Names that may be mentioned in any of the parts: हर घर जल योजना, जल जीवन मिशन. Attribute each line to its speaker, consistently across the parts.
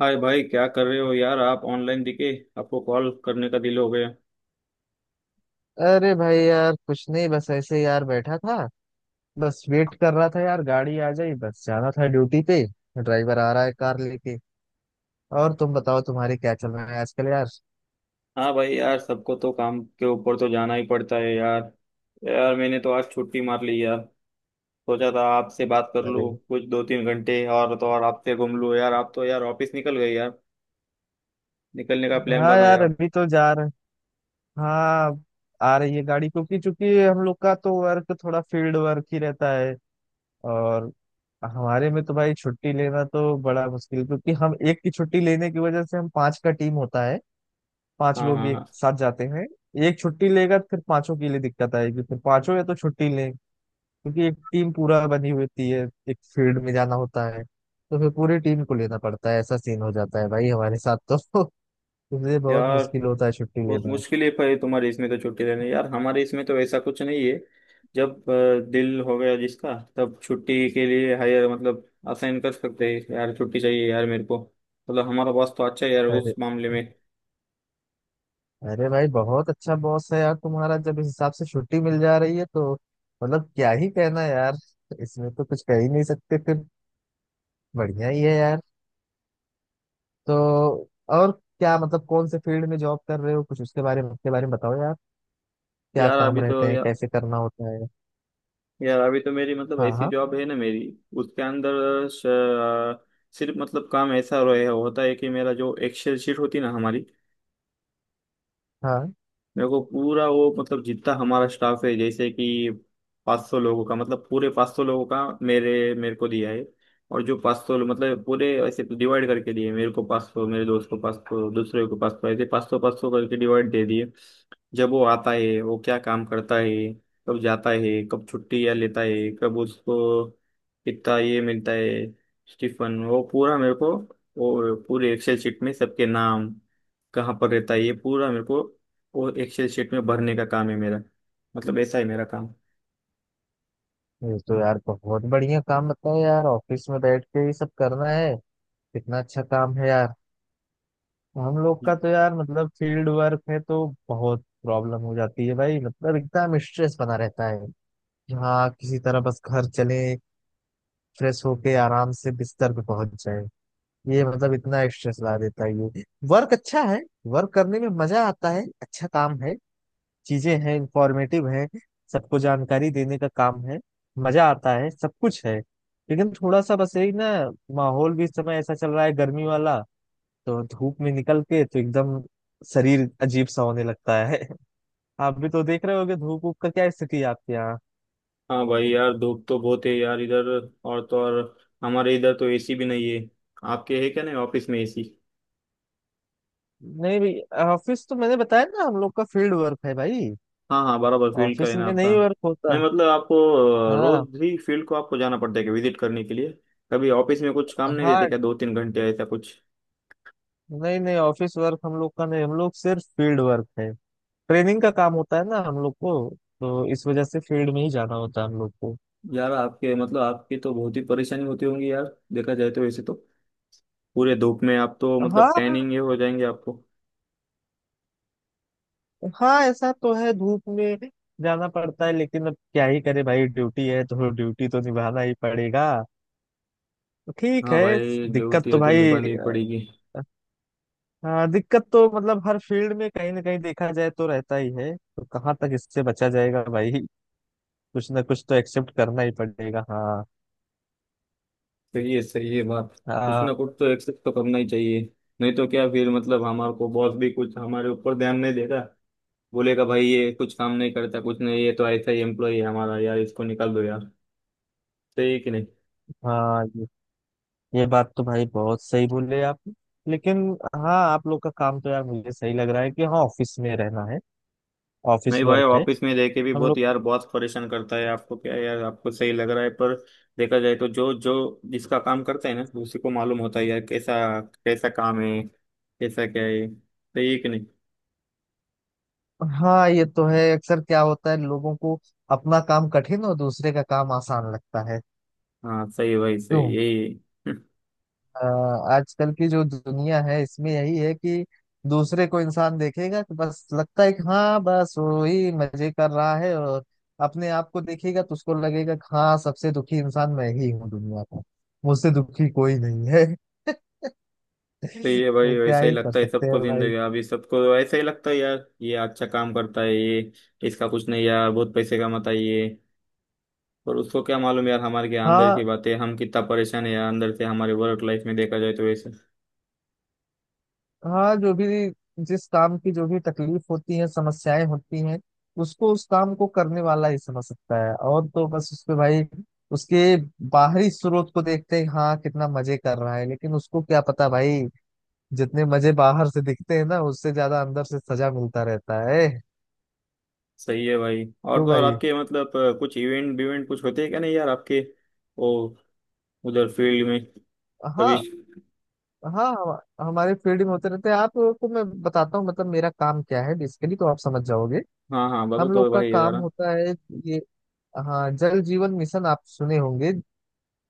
Speaker 1: हाय भाई क्या कर रहे हो यार आप ऑनलाइन दिखे। आपको कॉल करने का दिल हो गया।
Speaker 2: अरे भाई यार कुछ नहीं। बस ऐसे ही यार बैठा था। बस वेट कर रहा था यार, गाड़ी आ जाए, बस जाना था ड्यूटी पे। ड्राइवर आ रहा है कार लेके। और तुम बताओ तुम्हारे क्या चल रहा है आजकल यार।
Speaker 1: हाँ भाई यार सबको तो काम के ऊपर तो जाना ही पड़ता है यार। यार मैंने तो आज छुट्टी मार ली यार। सोचा था आपसे बात कर लूँ।
Speaker 2: अरे
Speaker 1: कुछ दो तीन घंटे और तो और आपसे घूम लूँ यार आप तो यार ऑफिस निकल गए यार। निकलने का प्लान
Speaker 2: हाँ
Speaker 1: बना रहे
Speaker 2: यार,
Speaker 1: आप।
Speaker 2: अभी तो जा रहे। हाँ, आ रही है गाड़ी, क्योंकि चूंकि हम लोग का तो वर्क थोड़ा फील्ड वर्क ही रहता है। और हमारे में तो भाई छुट्टी लेना तो बड़ा मुश्किल, क्योंकि हम एक की छुट्टी लेने की वजह से, हम पांच का टीम होता है। पांच
Speaker 1: हाँ,
Speaker 2: लोग
Speaker 1: हाँ,
Speaker 2: एक
Speaker 1: हाँ।
Speaker 2: साथ जाते हैं। एक छुट्टी लेगा तो फिर पांचों के लिए दिक्कत आएगी, फिर पांचों या तो छुट्टी लें, क्योंकि एक टीम पूरा बनी हुई होती है, एक फील्ड में जाना होता है, तो फिर पूरी टीम को लेना पड़ता है। ऐसा सीन हो जाता है भाई हमारे साथ तो। इसलिए बहुत
Speaker 1: यार
Speaker 2: मुश्किल होता है छुट्टी
Speaker 1: बहुत
Speaker 2: लेना।
Speaker 1: मुश्किल है पर तुम्हारे इसमें तो छुट्टी लेने यार हमारे इसमें तो ऐसा कुछ नहीं है। जब दिल हो गया जिसका तब छुट्टी के लिए हायर मतलब असाइन कर सकते हैं यार छुट्टी चाहिए यार मेरे को। मतलब हमारा बॉस तो अच्छा है यार उस
Speaker 2: अरे,
Speaker 1: मामले में।
Speaker 2: अरे भाई बहुत अच्छा बॉस है यार तुम्हारा। जब इस हिसाब से छुट्टी मिल जा रही है तो मतलब क्या ही कहना यार। इसमें तो कुछ कह ही नहीं सकते फिर। बढ़िया ही है यार। तो और क्या मतलब, कौन से फील्ड में जॉब कर रहे हो? कुछ उसके बारे में, उसके बारे में बताओ यार। क्या
Speaker 1: यार
Speaker 2: काम
Speaker 1: अभी
Speaker 2: रहते
Speaker 1: तो
Speaker 2: हैं,
Speaker 1: यार
Speaker 2: कैसे करना होता है।
Speaker 1: यार अभी तो मेरी मतलब
Speaker 2: हाँ
Speaker 1: ऐसी
Speaker 2: हाँ
Speaker 1: जॉब है ना मेरी। उसके अंदर सिर्फ मतलब काम ऐसा रहे होता है कि मेरा जो एक्सेल शीट होती ना हमारी।
Speaker 2: हाँ।
Speaker 1: मेरे को पूरा वो मतलब जितना हमारा स्टाफ है जैसे कि 500 लोगों का मतलब पूरे 500 लोगों का मेरे मेरे को दिया है। और जो 500 मतलब पूरे ऐसे डिवाइड करके दिए मेरे को 500 मेरे दोस्त को 500 दूसरे को 500 ऐसे 500 500 करके डिवाइड दे दिए। जब वो आता है वो क्या काम करता है। कब जाता है कब छुट्टी या लेता है कब उसको कितना ये मिलता है। स्टीफन वो पूरा मेरे को। वो पूरे एक्सेल शीट में सबके नाम कहाँ पर रहता है ये पूरा मेरे को। वो एक्सेल शीट में भरने का काम है मेरा। मतलब ऐसा है मेरा काम।
Speaker 2: ये तो यार बहुत बढ़िया काम। बताओ यार, ऑफिस में बैठ के ये सब करना है, कितना अच्छा काम है यार। हम लोग का तो यार मतलब फील्ड वर्क है, तो बहुत प्रॉब्लम हो जाती है भाई। मतलब एकदम स्ट्रेस बना रहता है कि हाँ, किसी तरह बस घर चले, फ्रेश होके आराम से बिस्तर पे पहुंच जाए। ये मतलब इतना एक्स्ट्रा ला देता है ये। वर्क अच्छा है, वर्क करने में मजा आता है, अच्छा काम है, चीजें हैं, इंफॉर्मेटिव है, सबको जानकारी देने का काम है, मजा आता है, सब कुछ है। लेकिन थोड़ा सा बस यही ना, माहौल भी इस समय ऐसा चल रहा है गर्मी वाला, तो धूप में निकल के तो एकदम शरीर अजीब सा होने लगता है। आप भी तो देख रहे होगे, धूप ऊप का क्या स्थिति है आपके यहाँ।
Speaker 1: हाँ भाई यार धूप तो बहुत है यार इधर। और तो और हमारे इधर तो एसी भी नहीं है। आपके है क्या नहीं ऑफिस में एसी।
Speaker 2: नहीं भाई, ऑफिस तो मैंने बताया ना, हम लोग का फील्ड वर्क है भाई।
Speaker 1: हाँ, हाँ, बराबर फील्ड का है
Speaker 2: ऑफिस
Speaker 1: ना
Speaker 2: में
Speaker 1: आपका।
Speaker 2: नहीं वर्क
Speaker 1: नहीं
Speaker 2: होता।
Speaker 1: मतलब आपको
Speaker 2: हाँ।
Speaker 1: रोज ही फील्ड को आपको जाना पड़ता है कि विजिट करने के लिए। कभी ऑफिस में कुछ काम नहीं देते
Speaker 2: हाँ,
Speaker 1: क्या दो तीन घंटे ऐसा कुछ।
Speaker 2: नहीं नहीं, ऑफिस वर्क हम लोग का नहीं, हम लोग सिर्फ फील्ड वर्क है। ट्रेनिंग का काम होता है ना हम लोग को, तो इस वजह से फील्ड में ही जाना होता है हम लोग को।
Speaker 1: यार आपके मतलब आपकी तो बहुत ही परेशानी होती होंगी यार देखा जाए तो वैसे तो पूरे धूप में आप तो मतलब
Speaker 2: हाँ।
Speaker 1: टैनिंग ये हो जाएंगे आपको।
Speaker 2: हाँ ऐसा तो है, धूप में जाना पड़ता है, लेकिन अब क्या ही करे भाई, ड्यूटी है तो ड्यूटी तो निभाना ही पड़ेगा। ठीक
Speaker 1: हाँ
Speaker 2: है।
Speaker 1: भाई
Speaker 2: दिक्कत
Speaker 1: ड्यूटी
Speaker 2: तो
Speaker 1: है तो
Speaker 2: भाई
Speaker 1: निभानी ही पड़ेगी।
Speaker 2: हाँ, दिक्कत तो मतलब हर फील्ड में कहीं ना कहीं देखा जाए तो रहता ही है, तो कहाँ तक इससे बचा जाएगा भाई। कुछ ना कुछ तो एक्सेप्ट करना ही पड़ेगा। हाँ।
Speaker 1: सही है बात। कुछ
Speaker 2: हाँ।
Speaker 1: ना कुछ तो एक्सेप्ट तो करना ही चाहिए। नहीं तो क्या फिर मतलब हमारे को बॉस भी कुछ हमारे ऊपर ध्यान नहीं देगा। बोलेगा भाई ये कुछ काम नहीं करता कुछ नहीं ये तो ऐसा ही एम्प्लॉय है हमारा यार इसको निकाल दो यार। सही है कि नहीं।
Speaker 2: हाँ, ये बात तो भाई बहुत सही बोले आप। लेकिन हाँ, आप लोग का काम तो यार मुझे सही लग रहा है कि हाँ, ऑफिस में रहना है, ऑफिस
Speaker 1: नहीं भाई
Speaker 2: वर्क है।
Speaker 1: ऑफिस में रह के भी
Speaker 2: हम
Speaker 1: बहुत
Speaker 2: लोग।
Speaker 1: यार बहुत परेशान करता है आपको क्या यार आपको सही लग रहा है पर। देखा जाए तो जो जो जिसका काम करता है ना उसी को मालूम होता है यार कैसा कैसा काम है कैसा क्या है सही है कि नहीं।
Speaker 2: हाँ, ये तो है, अक्सर क्या होता है, लोगों को अपना काम कठिन और दूसरे का काम आसान लगता है।
Speaker 1: हाँ सही है भाई सही
Speaker 2: क्यों।
Speaker 1: यही
Speaker 2: अ, आजकल की जो दुनिया है इसमें यही है कि दूसरे को इंसान देखेगा तो बस लगता है कि हाँ, बस वही मजे कर रहा है, और अपने आप को देखेगा तो उसको लगेगा कि हाँ, सबसे दुखी इंसान मैं ही हूँ दुनिया का, मुझसे दुखी कोई नहीं है।
Speaker 1: सही है भाई
Speaker 2: तो क्या
Speaker 1: वैसा ही
Speaker 2: ही कर
Speaker 1: लगता है
Speaker 2: सकते हैं
Speaker 1: सबको
Speaker 2: भाई।
Speaker 1: जिंदगी अभी सबको ऐसा ही लगता है यार ये अच्छा काम करता है ये। इसका कुछ नहीं यार बहुत पैसे कमाता है ये। पर उसको क्या मालूम यार हमारे के अंदर
Speaker 2: हाँ।
Speaker 1: की बातें हम कितना परेशान है यार अंदर से हमारे वर्क लाइफ में देखा जाए तो वैसे।
Speaker 2: हाँ, जो भी, जिस काम की जो भी तकलीफ होती है, समस्याएं होती हैं, उसको उस काम को करने वाला ही समझ सकता है। और तो बस उसपे भाई उसके बाहरी स्रोत को देखते हैं, हाँ कितना मजे कर रहा है, लेकिन उसको क्या पता भाई, जितने मजे बाहर से दिखते हैं ना उससे ज्यादा अंदर से सजा मिलता रहता है।
Speaker 1: सही है भाई और
Speaker 2: क्यों
Speaker 1: तो और
Speaker 2: भाई?
Speaker 1: आपके मतलब कुछ इवेंट बिवेंट कुछ होते हैं क्या नहीं यार आपके वो उधर फील्ड में कभी।
Speaker 2: हाँ। हाँ, हमारे फील्ड में होते रहते हैं। आपको मैं बताता हूँ, मतलब मेरा काम क्या है बेसिकली, तो आप समझ जाओगे।
Speaker 1: हाँ, हाँ, बताओ
Speaker 2: हम
Speaker 1: तो
Speaker 2: लोग का
Speaker 1: भाई
Speaker 2: काम
Speaker 1: जरा।
Speaker 2: होता है ये, हाँ, जल जीवन मिशन आप सुने होंगे,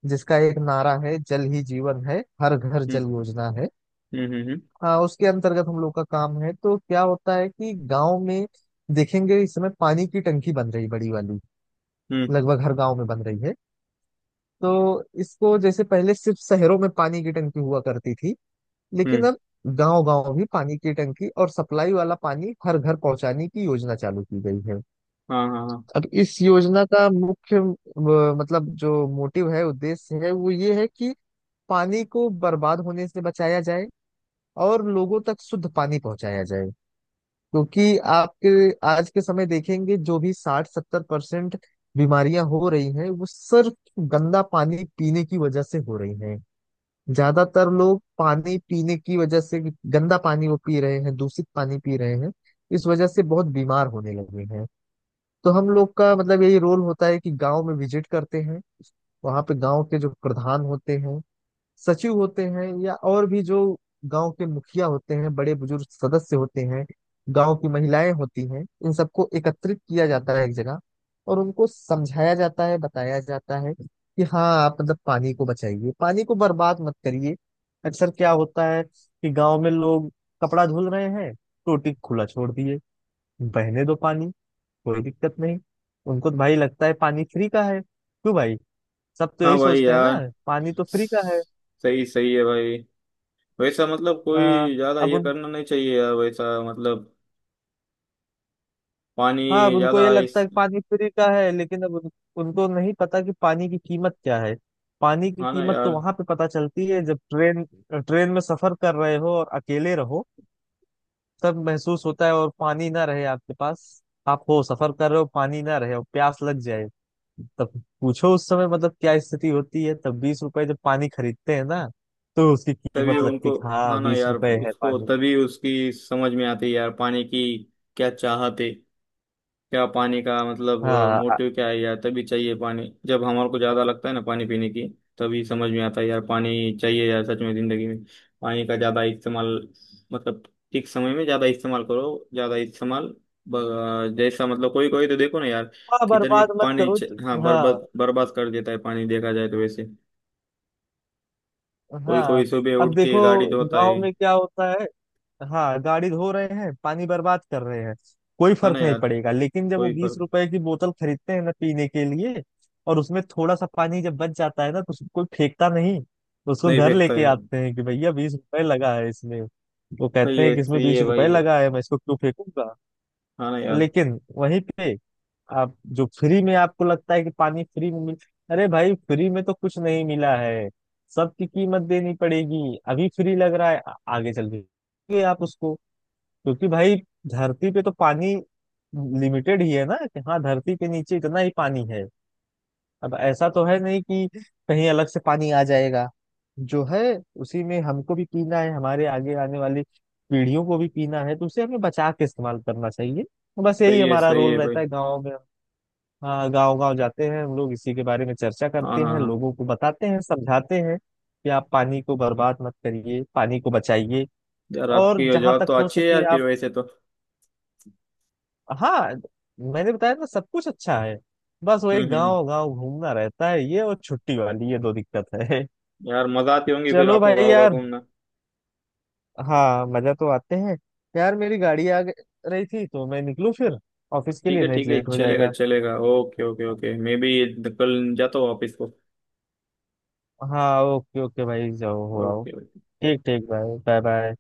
Speaker 2: जिसका एक नारा है जल ही जीवन है, हर घर जल
Speaker 1: हम्म,
Speaker 2: योजना है।
Speaker 1: हम्म, हम्म,
Speaker 2: हाँ, उसके अंतर्गत हम लोग का काम है। तो क्या होता है कि गांव में देखेंगे इस समय पानी की टंकी बन रही बड़ी वाली,
Speaker 1: हम्म, हम्म,
Speaker 2: लगभग हर गांव में बन रही है। तो इसको जैसे पहले सिर्फ शहरों में पानी की टंकी हुआ करती थी, लेकिन
Speaker 1: हम्म।
Speaker 2: अब गांव गांव भी पानी की टंकी और सप्लाई वाला पानी हर घर पहुंचाने की योजना चालू की गई है।
Speaker 1: हाँ, हाँ, हाँ।
Speaker 2: अब इस योजना का मुख्य मतलब जो मोटिव है, उद्देश्य है, वो ये है कि पानी को बर्बाद होने से बचाया जाए और लोगों तक शुद्ध पानी पहुंचाया जाए। क्योंकि आपके आज के समय देखेंगे जो भी 60-70% बीमारियां हो रही हैं वो सिर्फ गंदा पानी पीने की वजह से हो रही हैं। ज्यादातर लोग पानी पीने की वजह से गंदा पानी वो पी रहे हैं, दूषित पानी पी रहे हैं, इस वजह से बहुत बीमार होने लगे हैं। तो हम लोग का मतलब यही रोल होता है कि गांव में विजिट करते हैं, वहां पे गांव के जो प्रधान होते हैं, सचिव होते हैं, या और भी जो गांव के मुखिया होते हैं, बड़े बुजुर्ग सदस्य होते हैं, गांव की महिलाएं होती हैं, इन सबको एकत्रित किया जाता है एक जगह, और उनको समझाया जाता है, बताया जाता है कि हाँ आप मतलब पानी को बचाइए, पानी को बर्बाद मत करिए। अक्सर क्या होता है कि गांव में लोग कपड़ा धुल रहे हैं, टोटी खुला छोड़ दिए, बहने दो पानी, कोई दिक्कत नहीं। उनको तो भाई लगता है पानी फ्री का है। क्यों भाई, सब तो
Speaker 1: हाँ
Speaker 2: यही
Speaker 1: भाई
Speaker 2: सोचते हैं ना,
Speaker 1: यार
Speaker 2: पानी तो फ्री का है।
Speaker 1: सही सही है भाई वैसा मतलब
Speaker 2: आ,
Speaker 1: कोई ज्यादा
Speaker 2: अब
Speaker 1: ये
Speaker 2: उन
Speaker 1: करना नहीं चाहिए यार वैसा मतलब।
Speaker 2: हाँ, अब
Speaker 1: पानी
Speaker 2: उनको ये
Speaker 1: ज्यादा
Speaker 2: लगता
Speaker 1: इस।
Speaker 2: है कि पानी फ्री का है, लेकिन अब उनको नहीं पता कि पानी की कीमत क्या है। पानी की
Speaker 1: हाँ ना
Speaker 2: कीमत तो
Speaker 1: यार।
Speaker 2: वहां पे पता चलती है जब ट्रेन ट्रेन में सफर कर रहे हो और अकेले रहो, तब महसूस होता है, और पानी ना रहे आपके पास, आप हो सफर कर रहे हो, पानी ना रहे और प्यास लग जाए, तब पूछो उस समय मतलब क्या स्थिति होती है, तब 20 रुपए जब पानी खरीदते हैं ना, तो उसकी
Speaker 1: तभी
Speaker 2: कीमत लगती
Speaker 1: उनको।
Speaker 2: कि
Speaker 1: हाँ
Speaker 2: हाँ
Speaker 1: ना
Speaker 2: बीस
Speaker 1: यार
Speaker 2: रुपए है
Speaker 1: उसको
Speaker 2: पानी।
Speaker 1: तभी उसकी समझ में आती है यार पानी की। क्या चाहत है। क्या पानी का मतलब
Speaker 2: हाँ
Speaker 1: मोटिव क्या है यार तभी चाहिए पानी जब हमारे को ज्यादा लगता है ना पानी पीने की। तभी समझ में आता है यार पानी चाहिए यार सच में जिंदगी में। पानी का ज्यादा इस्तेमाल मतलब ठीक समय में ज्यादा इस्तेमाल करो ज्यादा इस्तेमाल। जैसा मतलब कोई कोई तो देखो ना यार।
Speaker 2: हाँ,
Speaker 1: किधर भी
Speaker 2: बर्बाद मत
Speaker 1: पानी
Speaker 2: करो
Speaker 1: हाँ
Speaker 2: हाँ।
Speaker 1: बर्बाद बर्बाद कर देता है पानी देखा जाए तो वैसे। कोई
Speaker 2: हाँ,
Speaker 1: कोई सुबह
Speaker 2: अब
Speaker 1: उठ के
Speaker 2: देखो
Speaker 1: गाड़ी धोता है।
Speaker 2: गांव में क्या होता है, हाँ गाड़ी धो रहे हैं, पानी बर्बाद कर रहे हैं, कोई
Speaker 1: हाँ ना
Speaker 2: फर्क नहीं
Speaker 1: यार।
Speaker 2: पड़ेगा। लेकिन जब वो
Speaker 1: कोई
Speaker 2: बीस
Speaker 1: पर।
Speaker 2: रुपए की बोतल खरीदते हैं ना पीने के लिए, और उसमें थोड़ा सा पानी जब बच जाता है ना, तो उसको कोई फेंकता नहीं, तो उसको
Speaker 1: नहीं
Speaker 2: घर
Speaker 1: फेंकता
Speaker 2: लेके
Speaker 1: यार।
Speaker 2: आते हैं कि भैया 20 रुपए लगा है इसमें। वो कहते हैं कि इसमें
Speaker 1: सही
Speaker 2: बीस
Speaker 1: है
Speaker 2: रुपए
Speaker 1: भाई।
Speaker 2: लगा है, मैं इसको क्यों फेंकूंगा।
Speaker 1: हाँ ना यार।
Speaker 2: लेकिन वहीं पे आप जो फ्री में, आपको लगता है कि पानी फ्री में मिल, अरे भाई फ्री में तो कुछ नहीं मिला है, सबकी कीमत देनी पड़ेगी। अभी फ्री लग रहा है आगे चल के आप उसको, क्योंकि भाई धरती पे तो पानी लिमिटेड ही है ना, कि हाँ धरती के नीचे इतना ही पानी है। अब ऐसा तो है नहीं कि कहीं अलग से पानी आ जाएगा। जो है उसी में हमको भी पीना है, हमारे आगे आने वाली पीढ़ियों को भी पीना है, तो उसे हमें बचा के इस्तेमाल करना चाहिए। तो बस यही हमारा
Speaker 1: सही है
Speaker 2: रोल
Speaker 1: भाई।
Speaker 2: रहता है गाँव में। हाँ, गाँव गाँव जाते हैं हम लोग, इसी के बारे में चर्चा
Speaker 1: हाँ, हाँ,
Speaker 2: करते हैं,
Speaker 1: हाँ।
Speaker 2: लोगों को बताते हैं, समझाते हैं कि आप पानी को बर्बाद मत करिए, पानी को बचाइए
Speaker 1: यार आपकी
Speaker 2: और
Speaker 1: ये
Speaker 2: जहां
Speaker 1: जॉब
Speaker 2: तक
Speaker 1: तो
Speaker 2: हो
Speaker 1: अच्छी है
Speaker 2: सके
Speaker 1: यार फिर
Speaker 2: आप।
Speaker 1: वैसे तो।
Speaker 2: हाँ, मैंने बताया ना सब कुछ अच्छा है। बस
Speaker 1: हम्म,
Speaker 2: वही
Speaker 1: हम्म,
Speaker 2: गांव गांव घूमना रहता है ये, और छुट्टी वाली, ये दो दिक्कत है।
Speaker 1: यार मजा आती होंगी फिर
Speaker 2: चलो
Speaker 1: आपको
Speaker 2: भाई
Speaker 1: गाँव गाँव
Speaker 2: यार,
Speaker 1: घूमना।
Speaker 2: हाँ मजा तो आते हैं। यार मेरी गाड़ी आ रही थी, तो मैं निकलूं फिर ऑफिस के लिए, नहीं
Speaker 1: ठीक
Speaker 2: तो
Speaker 1: है
Speaker 2: लेट हो
Speaker 1: चलेगा
Speaker 2: जाएगा।
Speaker 1: चलेगा ओके ओके ओके मैं भी कल जाता हूँ ऑफिस को।
Speaker 2: हाँ ओके ओके भाई, जाओ हो आओ।
Speaker 1: ओके।
Speaker 2: ठीक ठीक भाई, बाय बाय।